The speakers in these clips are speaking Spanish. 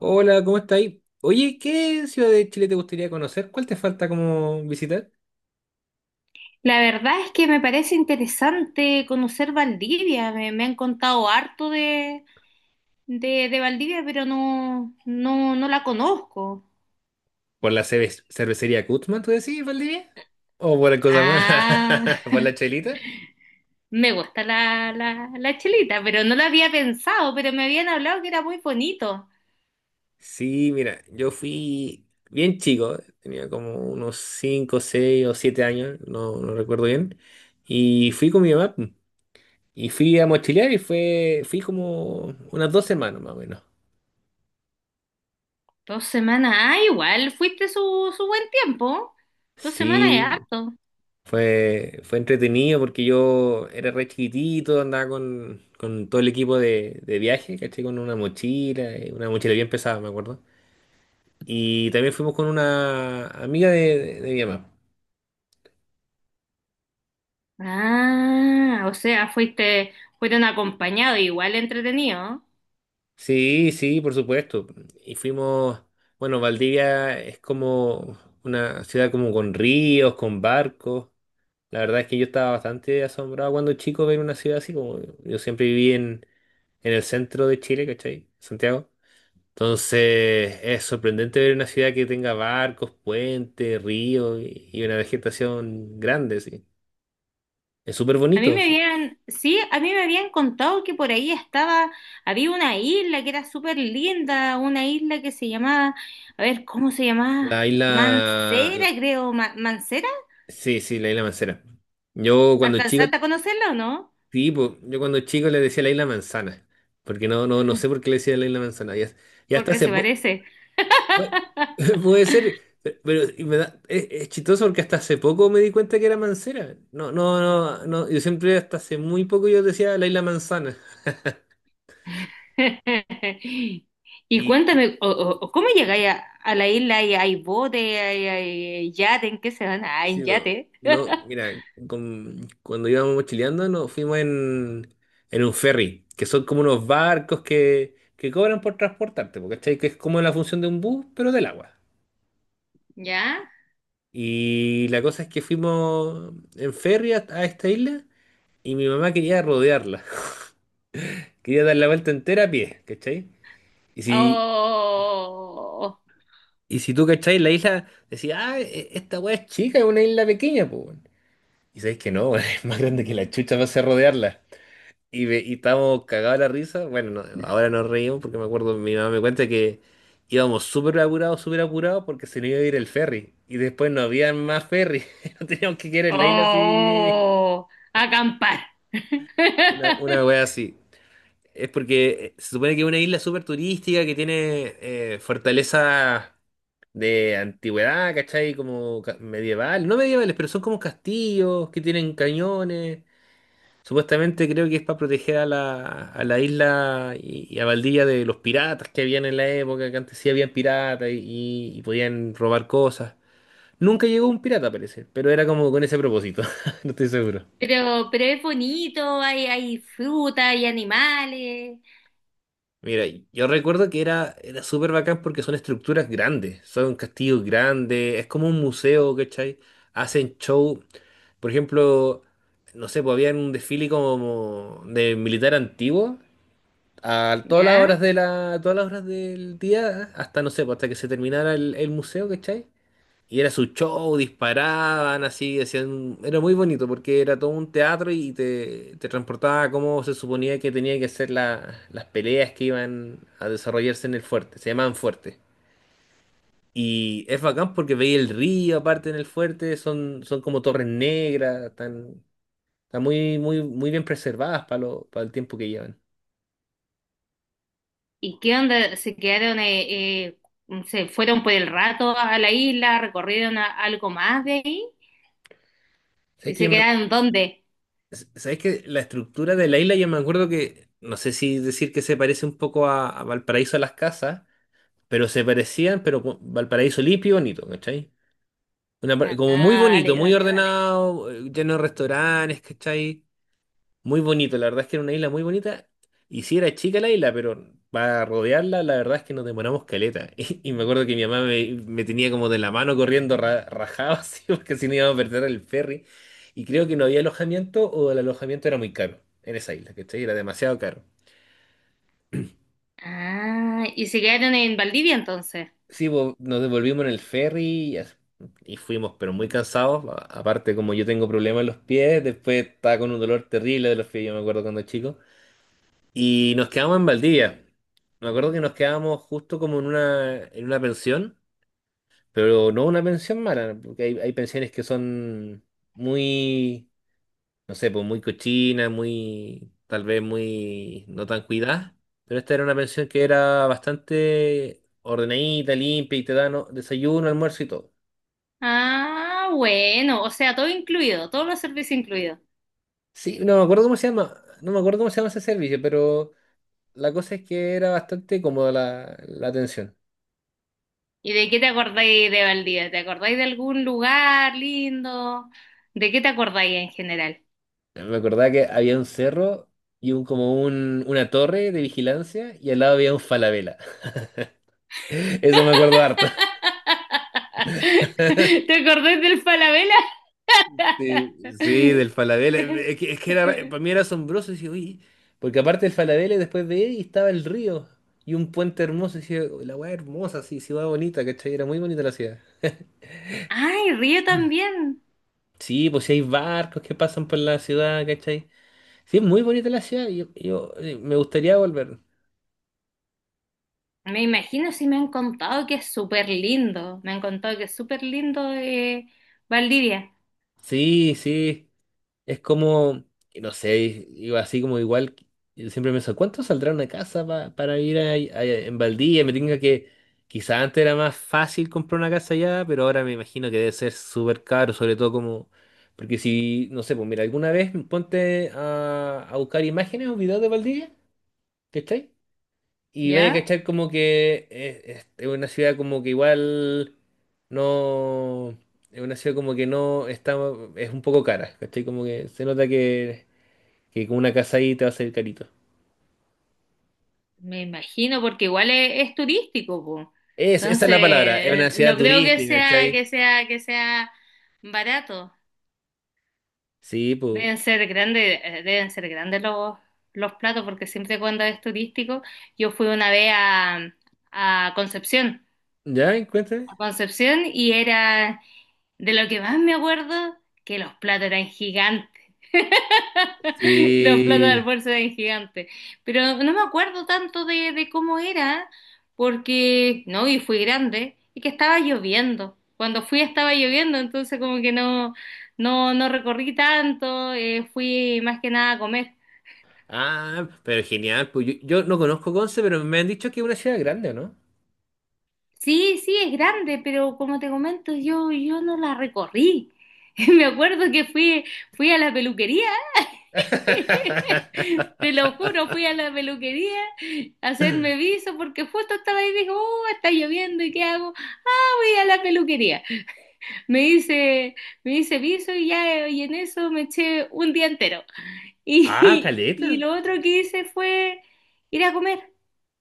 Hola, ¿cómo está ahí? Oye, ¿qué ciudad de Chile te gustaría conocer? ¿Cuál te falta como visitar? La verdad es que me parece interesante conocer Valdivia. Me han contado harto de Valdivia, pero no la conozco. ¿Por la cervecería Cutzman, tú decís, Valdivia? ¿O por la cosa más? Ah, ¿Por la chelita? me gusta la chelita, pero no la había pensado, pero me habían hablado que era muy bonito. Sí, mira, yo fui bien chico, tenía como unos 5, 6 o 7 años, no recuerdo bien, y fui con mi mamá pum, y fui a mochilear y fui como unas 2 semanas más o menos. Dos semanas, ah, igual, fuiste su buen tiempo. 2 semanas es Sí. harto. Fue entretenido porque yo era re chiquitito, andaba con todo el equipo de viaje, ¿cachai? Con una mochila bien pesada, me acuerdo. Y también fuimos con una amiga de mi mamá. Ah, o sea, fuiste, fueron acompañados, igual entretenido. Sí, sí, por supuesto. Y fuimos, bueno, Valdivia es como una ciudad como con ríos, con barcos. La verdad es que yo estaba bastante asombrado cuando chico ver una ciudad así, como yo siempre viví en el centro de Chile, ¿cachai? Santiago. Entonces, es sorprendente ver una ciudad que tenga barcos, puentes, ríos y una vegetación grande, sí. Es súper A mí bonito, me eso. habían, sí, a mí me habían contado que por ahí estaba, había una isla que era súper linda, una isla que se llamaba, a ver, ¿cómo se llamaba? La isla, Mancera, la- creo, ¿Mancera? sí, sí, la isla Mancera. Yo cuando chico, ¿Alcanzaste a conocerla o no? sí, po. Yo cuando chico le decía la isla Manzana, porque no sé por qué le decía la isla Manzana. Y hasta Porque hace se poco, parece. puede ser, pero es chistoso porque hasta hace poco me di cuenta que era Mancera. No, no, no, no, yo siempre hasta hace muy poco yo decía la isla Manzana. Y cuéntame, o ¿cómo llegáis a la isla? ¿Y ¿Hay bote? ¿Hay yate? ¿En qué se van? Ah, Sí, en no, yate. no, mira, cuando íbamos mochileando nos fuimos en un ferry, que son como unos barcos que cobran por transportarte, porque Que es como la función de un bus, pero del agua. ¿Ya? Y la cosa es que fuimos en ferry a esta isla y mi mamá quería rodearla, quería dar la vuelta entera a pie, ¿cachai? Y si, Oh. y si tú, ¿cachai? La isla decía, ah, esta weá es chica, es una isla pequeña, pues. Y sabéis que no, es más grande que la chucha para hacer rodearla. Y estábamos cagados de la risa. Bueno, no, ahora nos reímos porque me acuerdo, mi mamá me cuenta que íbamos súper apurados porque se nos iba a ir el ferry. Y después no había más ferry. No teníamos que quedar en la isla así. Oh, acampar. Una wea así. Es porque se supone que es una isla súper turística que tiene fortalezas de antigüedad, ¿cachai? Como medieval. No medievales, pero son como castillos que tienen cañones. Supuestamente creo que es para proteger a la isla y a Valdivia de los piratas que habían en la época, que antes sí habían piratas y podían robar cosas. Nunca llegó un pirata, parece, pero era como con ese propósito, no estoy seguro. Pero es bonito, hay fruta, hay animales, Mira, yo recuerdo que era súper bacán porque son estructuras grandes, son castillos grandes, es como un museo, ¿cachai? Hacen show, por ejemplo, no sé, pues había un desfile como de militar antiguo a todas las ¿ya? horas de todas las horas del día, hasta no sé, pues, hasta que se terminara el museo, ¿cachai? Y era su show, disparaban así, hacían, era muy bonito porque era todo un teatro y te transportaba a cómo se suponía que tenía que ser las peleas que iban a desarrollarse en el fuerte, se llamaban fuerte. Y es bacán porque veía el río aparte en el fuerte, son como torres negras, están muy, muy, muy bien preservadas para para el tiempo que llevan. ¿Y qué onda? ¿Se quedaron, se fueron por el rato a la isla, recorrieron algo más de ahí? Es ¿Y que se yo me quedaron dónde? Sabes que la estructura de la isla, yo me acuerdo que, no sé si decir que se parece un poco a Valparaíso a las casas, pero se parecían, pero con Valparaíso limpio y bonito, ¿cachai? Una Ah, como muy bonito, dale, muy dale, dale. ordenado, lleno de restaurantes, ¿cachai? Muy bonito, la verdad es que era una isla muy bonita. Y sí era chica la isla, pero para rodearla, la verdad es que nos demoramos caleta. Y me acuerdo que mi mamá me tenía como de la mano corriendo rajado, así, porque si no íbamos a perder el ferry. Y creo que no había alojamiento o el alojamiento era muy caro en esa isla, ¿cachai? Era demasiado caro. Ah, ¿y se quedaron en Valdivia entonces? Sí, nos devolvimos en el ferry y, as- y fuimos, pero muy cansados. Aparte, como yo tengo problemas en los pies, después estaba con un dolor terrible de los pies, yo me acuerdo cuando chico. Y nos quedamos en Valdivia. Me acuerdo que nos quedamos justo como en una, pensión, pero no una pensión mala, porque hay pensiones que son muy, no sé, pues muy cochinas, muy, tal vez muy no tan cuidadas. Pero esta era una pensión que era bastante ordenadita, limpia y te dan ¿no? desayuno, almuerzo y todo. Ah, bueno, o sea, todo incluido, todos los servicios incluidos. Sí, no me acuerdo cómo se llama, no me acuerdo cómo se llama ese servicio, pero la cosa es que era bastante cómoda la atención. ¿Y de qué te acordáis de Valdivia? ¿Te acordáis de algún lugar lindo? ¿De qué te acordáis en general? Me acordaba que había un cerro y un como una torre de vigilancia y al lado había un Falabella. Eso me acuerdo harto. ¿Te acordáis del Falabella? Sí, sí, del Falabella. Es que era, para mí era asombroso. Decía, "Uy", porque aparte del Falabella, después de él estaba el río y un puente hermoso. Decía, la weá hermosa, sí, ciudad bonita, ¿cachai? Era muy bonita la ciudad. Ay, Río también. Sí, pues sí hay barcos que pasan por la ciudad, ¿cachai? Sí, es muy bonita la ciudad. Me gustaría volver. Me imagino, si me han contado que es súper lindo. Me han contado que es súper lindo Valdivia. Sí, sí. Es como, no sé, iba así como igual, yo siempre me decía, ¿cuánto saldrá una casa para ir en Valdivia? Quizás antes era más fácil comprar una casa allá, pero ahora me imagino que debe ser súper caro, sobre todo como, porque si, no sé, pues mira, alguna vez ponte a buscar imágenes o videos de Valdivia, ¿cachai? Y vaya a ¿Ya? cachar como que es una ciudad como que igual no... Es una ciudad como que no está... Es un poco cara, ¿cachai? Como que se nota que con una casa ahí te va a salir carito. Me imagino porque igual es turístico, po. Esa es la palabra, es una Entonces, ciudad no creo que turística, ¿cachai? Sea barato. Sí, pues... Deben ser grandes los platos, porque siempre cuando es turístico, yo fui una vez a Concepción, ¿Ya? a Cuéntame. Concepción, y era de lo que más me acuerdo, que los platos eran gigantes. Los platos de Sí. almuerzo eran gigantes. Pero no me acuerdo tanto de cómo era, porque no, y fui grande, y que estaba lloviendo. Cuando fui estaba lloviendo, entonces como que no, no recorrí tanto, fui más que nada a comer. Ah, pero genial. Pues yo no conozco Conce, pero me han dicho que es una ciudad grande, ¿o no? Sí, sí, es grande, pero como te comento, yo no la recorrí. Me acuerdo que fui, fui a la peluquería. Te lo juro, fui a la peluquería a hacerme viso porque justo estaba ahí y dijo, oh, está lloviendo, ¿y qué hago? Ah, voy a la peluquería. Me hice, Me hice viso y ya, y en eso me eché un día entero. Ah, Y y caleta. lo otro que hice fue ir a comer,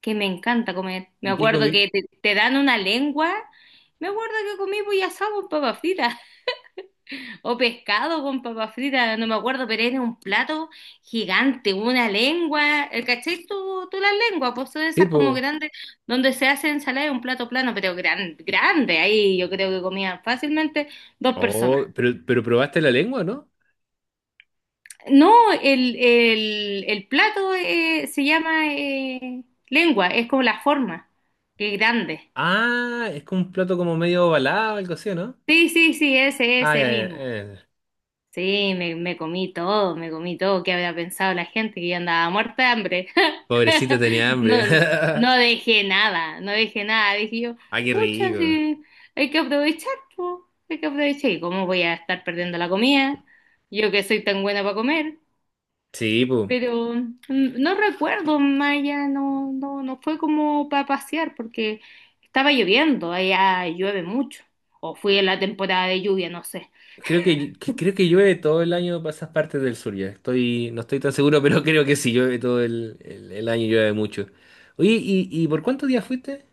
que me encanta comer. Me ¿Y qué acuerdo comí? que te dan una lengua. Me acuerdo que comí pollo asado con papas fritas. O pescado con papas fritas, no me acuerdo, pero era un plato gigante, una lengua. ¿El cachai? Tú las lenguas, pues son Sí, esas como pues. grandes, donde se hace ensalada, de un plato plano, pero grande. Ahí yo creo que comían fácilmente dos personas. Oh, pero probaste la lengua, ¿no? No, el plato se llama lengua, es como la forma, que es grande. Ah, es como un plato como medio ovalado, algo así, ¿no? Sí, sí, sí, ese, Ay, ese ay, mismo. ay. Sí, me comí todo, me comí todo. ¿Qué había pensado la gente? Que yo andaba muerta de hambre. Pobrecita tenía No, hambre. no dejé nada, no dejé nada. Dije yo, Ay, qué pucha, rico. sí, hay que aprovechar, po, hay que aprovechar. ¿Y cómo voy a estar perdiendo la comida? Yo que soy tan buena para comer. Sí, pues. Pero no recuerdo, Maya, no fue como para pasear porque estaba lloviendo, allá llueve mucho. O fui en la temporada de lluvia, no sé. Creo que llueve todo el año para esas partes del sur ya. No estoy tan seguro, pero creo que sí, llueve todo el año, llueve mucho. Oye, ¿y por cuántos días fuiste?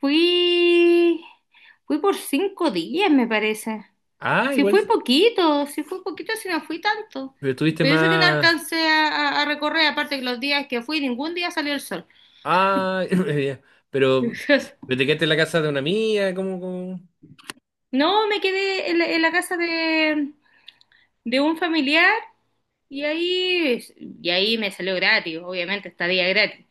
Fui, fui por 5 días, me parece. Ah, Si igual, fui poquito, si fui poquito, si no fui tanto. pero estuviste Pero eso que no más. alcancé a, a recorrer, aparte que los días que fui, ningún día salió el sol. Ah, ya. pero, pero te quedaste en la casa de una amiga, ¿cómo, cómo? No, me quedé en la casa de un familiar, y ahí, y ahí me salió gratis, obviamente, estadía gratis.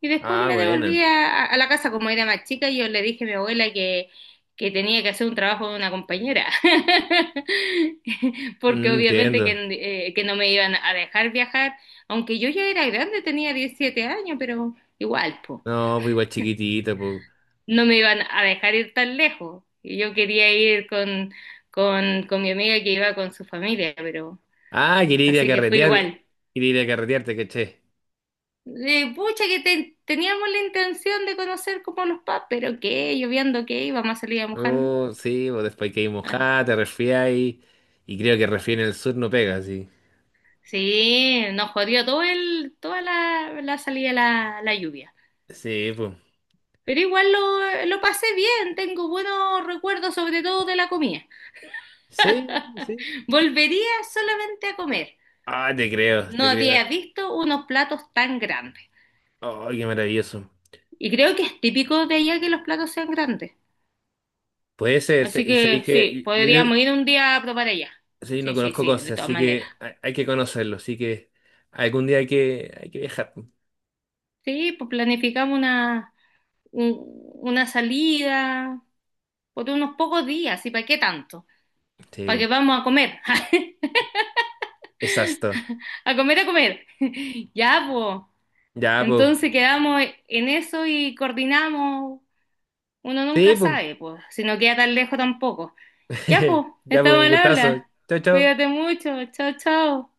Y después Ah, me bueno. devolví a la casa como era más chica, y yo le dije a mi abuela que tenía que hacer un trabajo de una compañera, porque Mm, obviamente entiendo. Que no me iban a dejar viajar, aunque yo ya era grande, tenía 17 años, pero igual, pues, No, pues igual chiquitito, pues. no me iban a dejar ir tan lejos. Y yo quería ir con, con mi amiga que iba con su familia, pero Ah, quería ir a así que fue carretear. igual. Quería ir a carretear, te caché. De pucha, que teníamos la intención de conocer como los pubs, pero qué, lloviendo qué, íbamos a salir a mojarnos. No, sí, pues después que hay Ah. mojada, te resfriáis. Y creo que resfriar en el sur no pega, sí. Sí, nos jodió todo el, toda la salida, la lluvia. Sí, pues. Pero igual lo pasé bien, tengo buenos recuerdos sobre todo de la comida. Sí, sí. Volvería solamente a comer. Ah, te creo, No te creo. había visto unos platos tan grandes. Ay, qué maravilloso. Y creo que es típico de allá que los platos sean grandes. Puede ser, Así sabéis que sí, que yo podríamos creo, ir un día a probar allá. sí, no Sí, sí, conozco sí, cosas, de todas así maneras. que hay que conocerlo, así que algún día hay que viajar. Sí, pues planificamos una, un- una salida por unos pocos días, ¿y para qué tanto? Sí, Para pues. que vamos a comer, Exacto. a comer, a comer. Ya, pues. Ya, pues. Entonces quedamos en eso y coordinamos. Uno nunca Sí, pues. sabe, pues, si no queda tan lejos tampoco. Ya, pues, Ya, pues, estamos un al gustazo. habla. Chao, Cuídate chao. mucho. Chao, chao.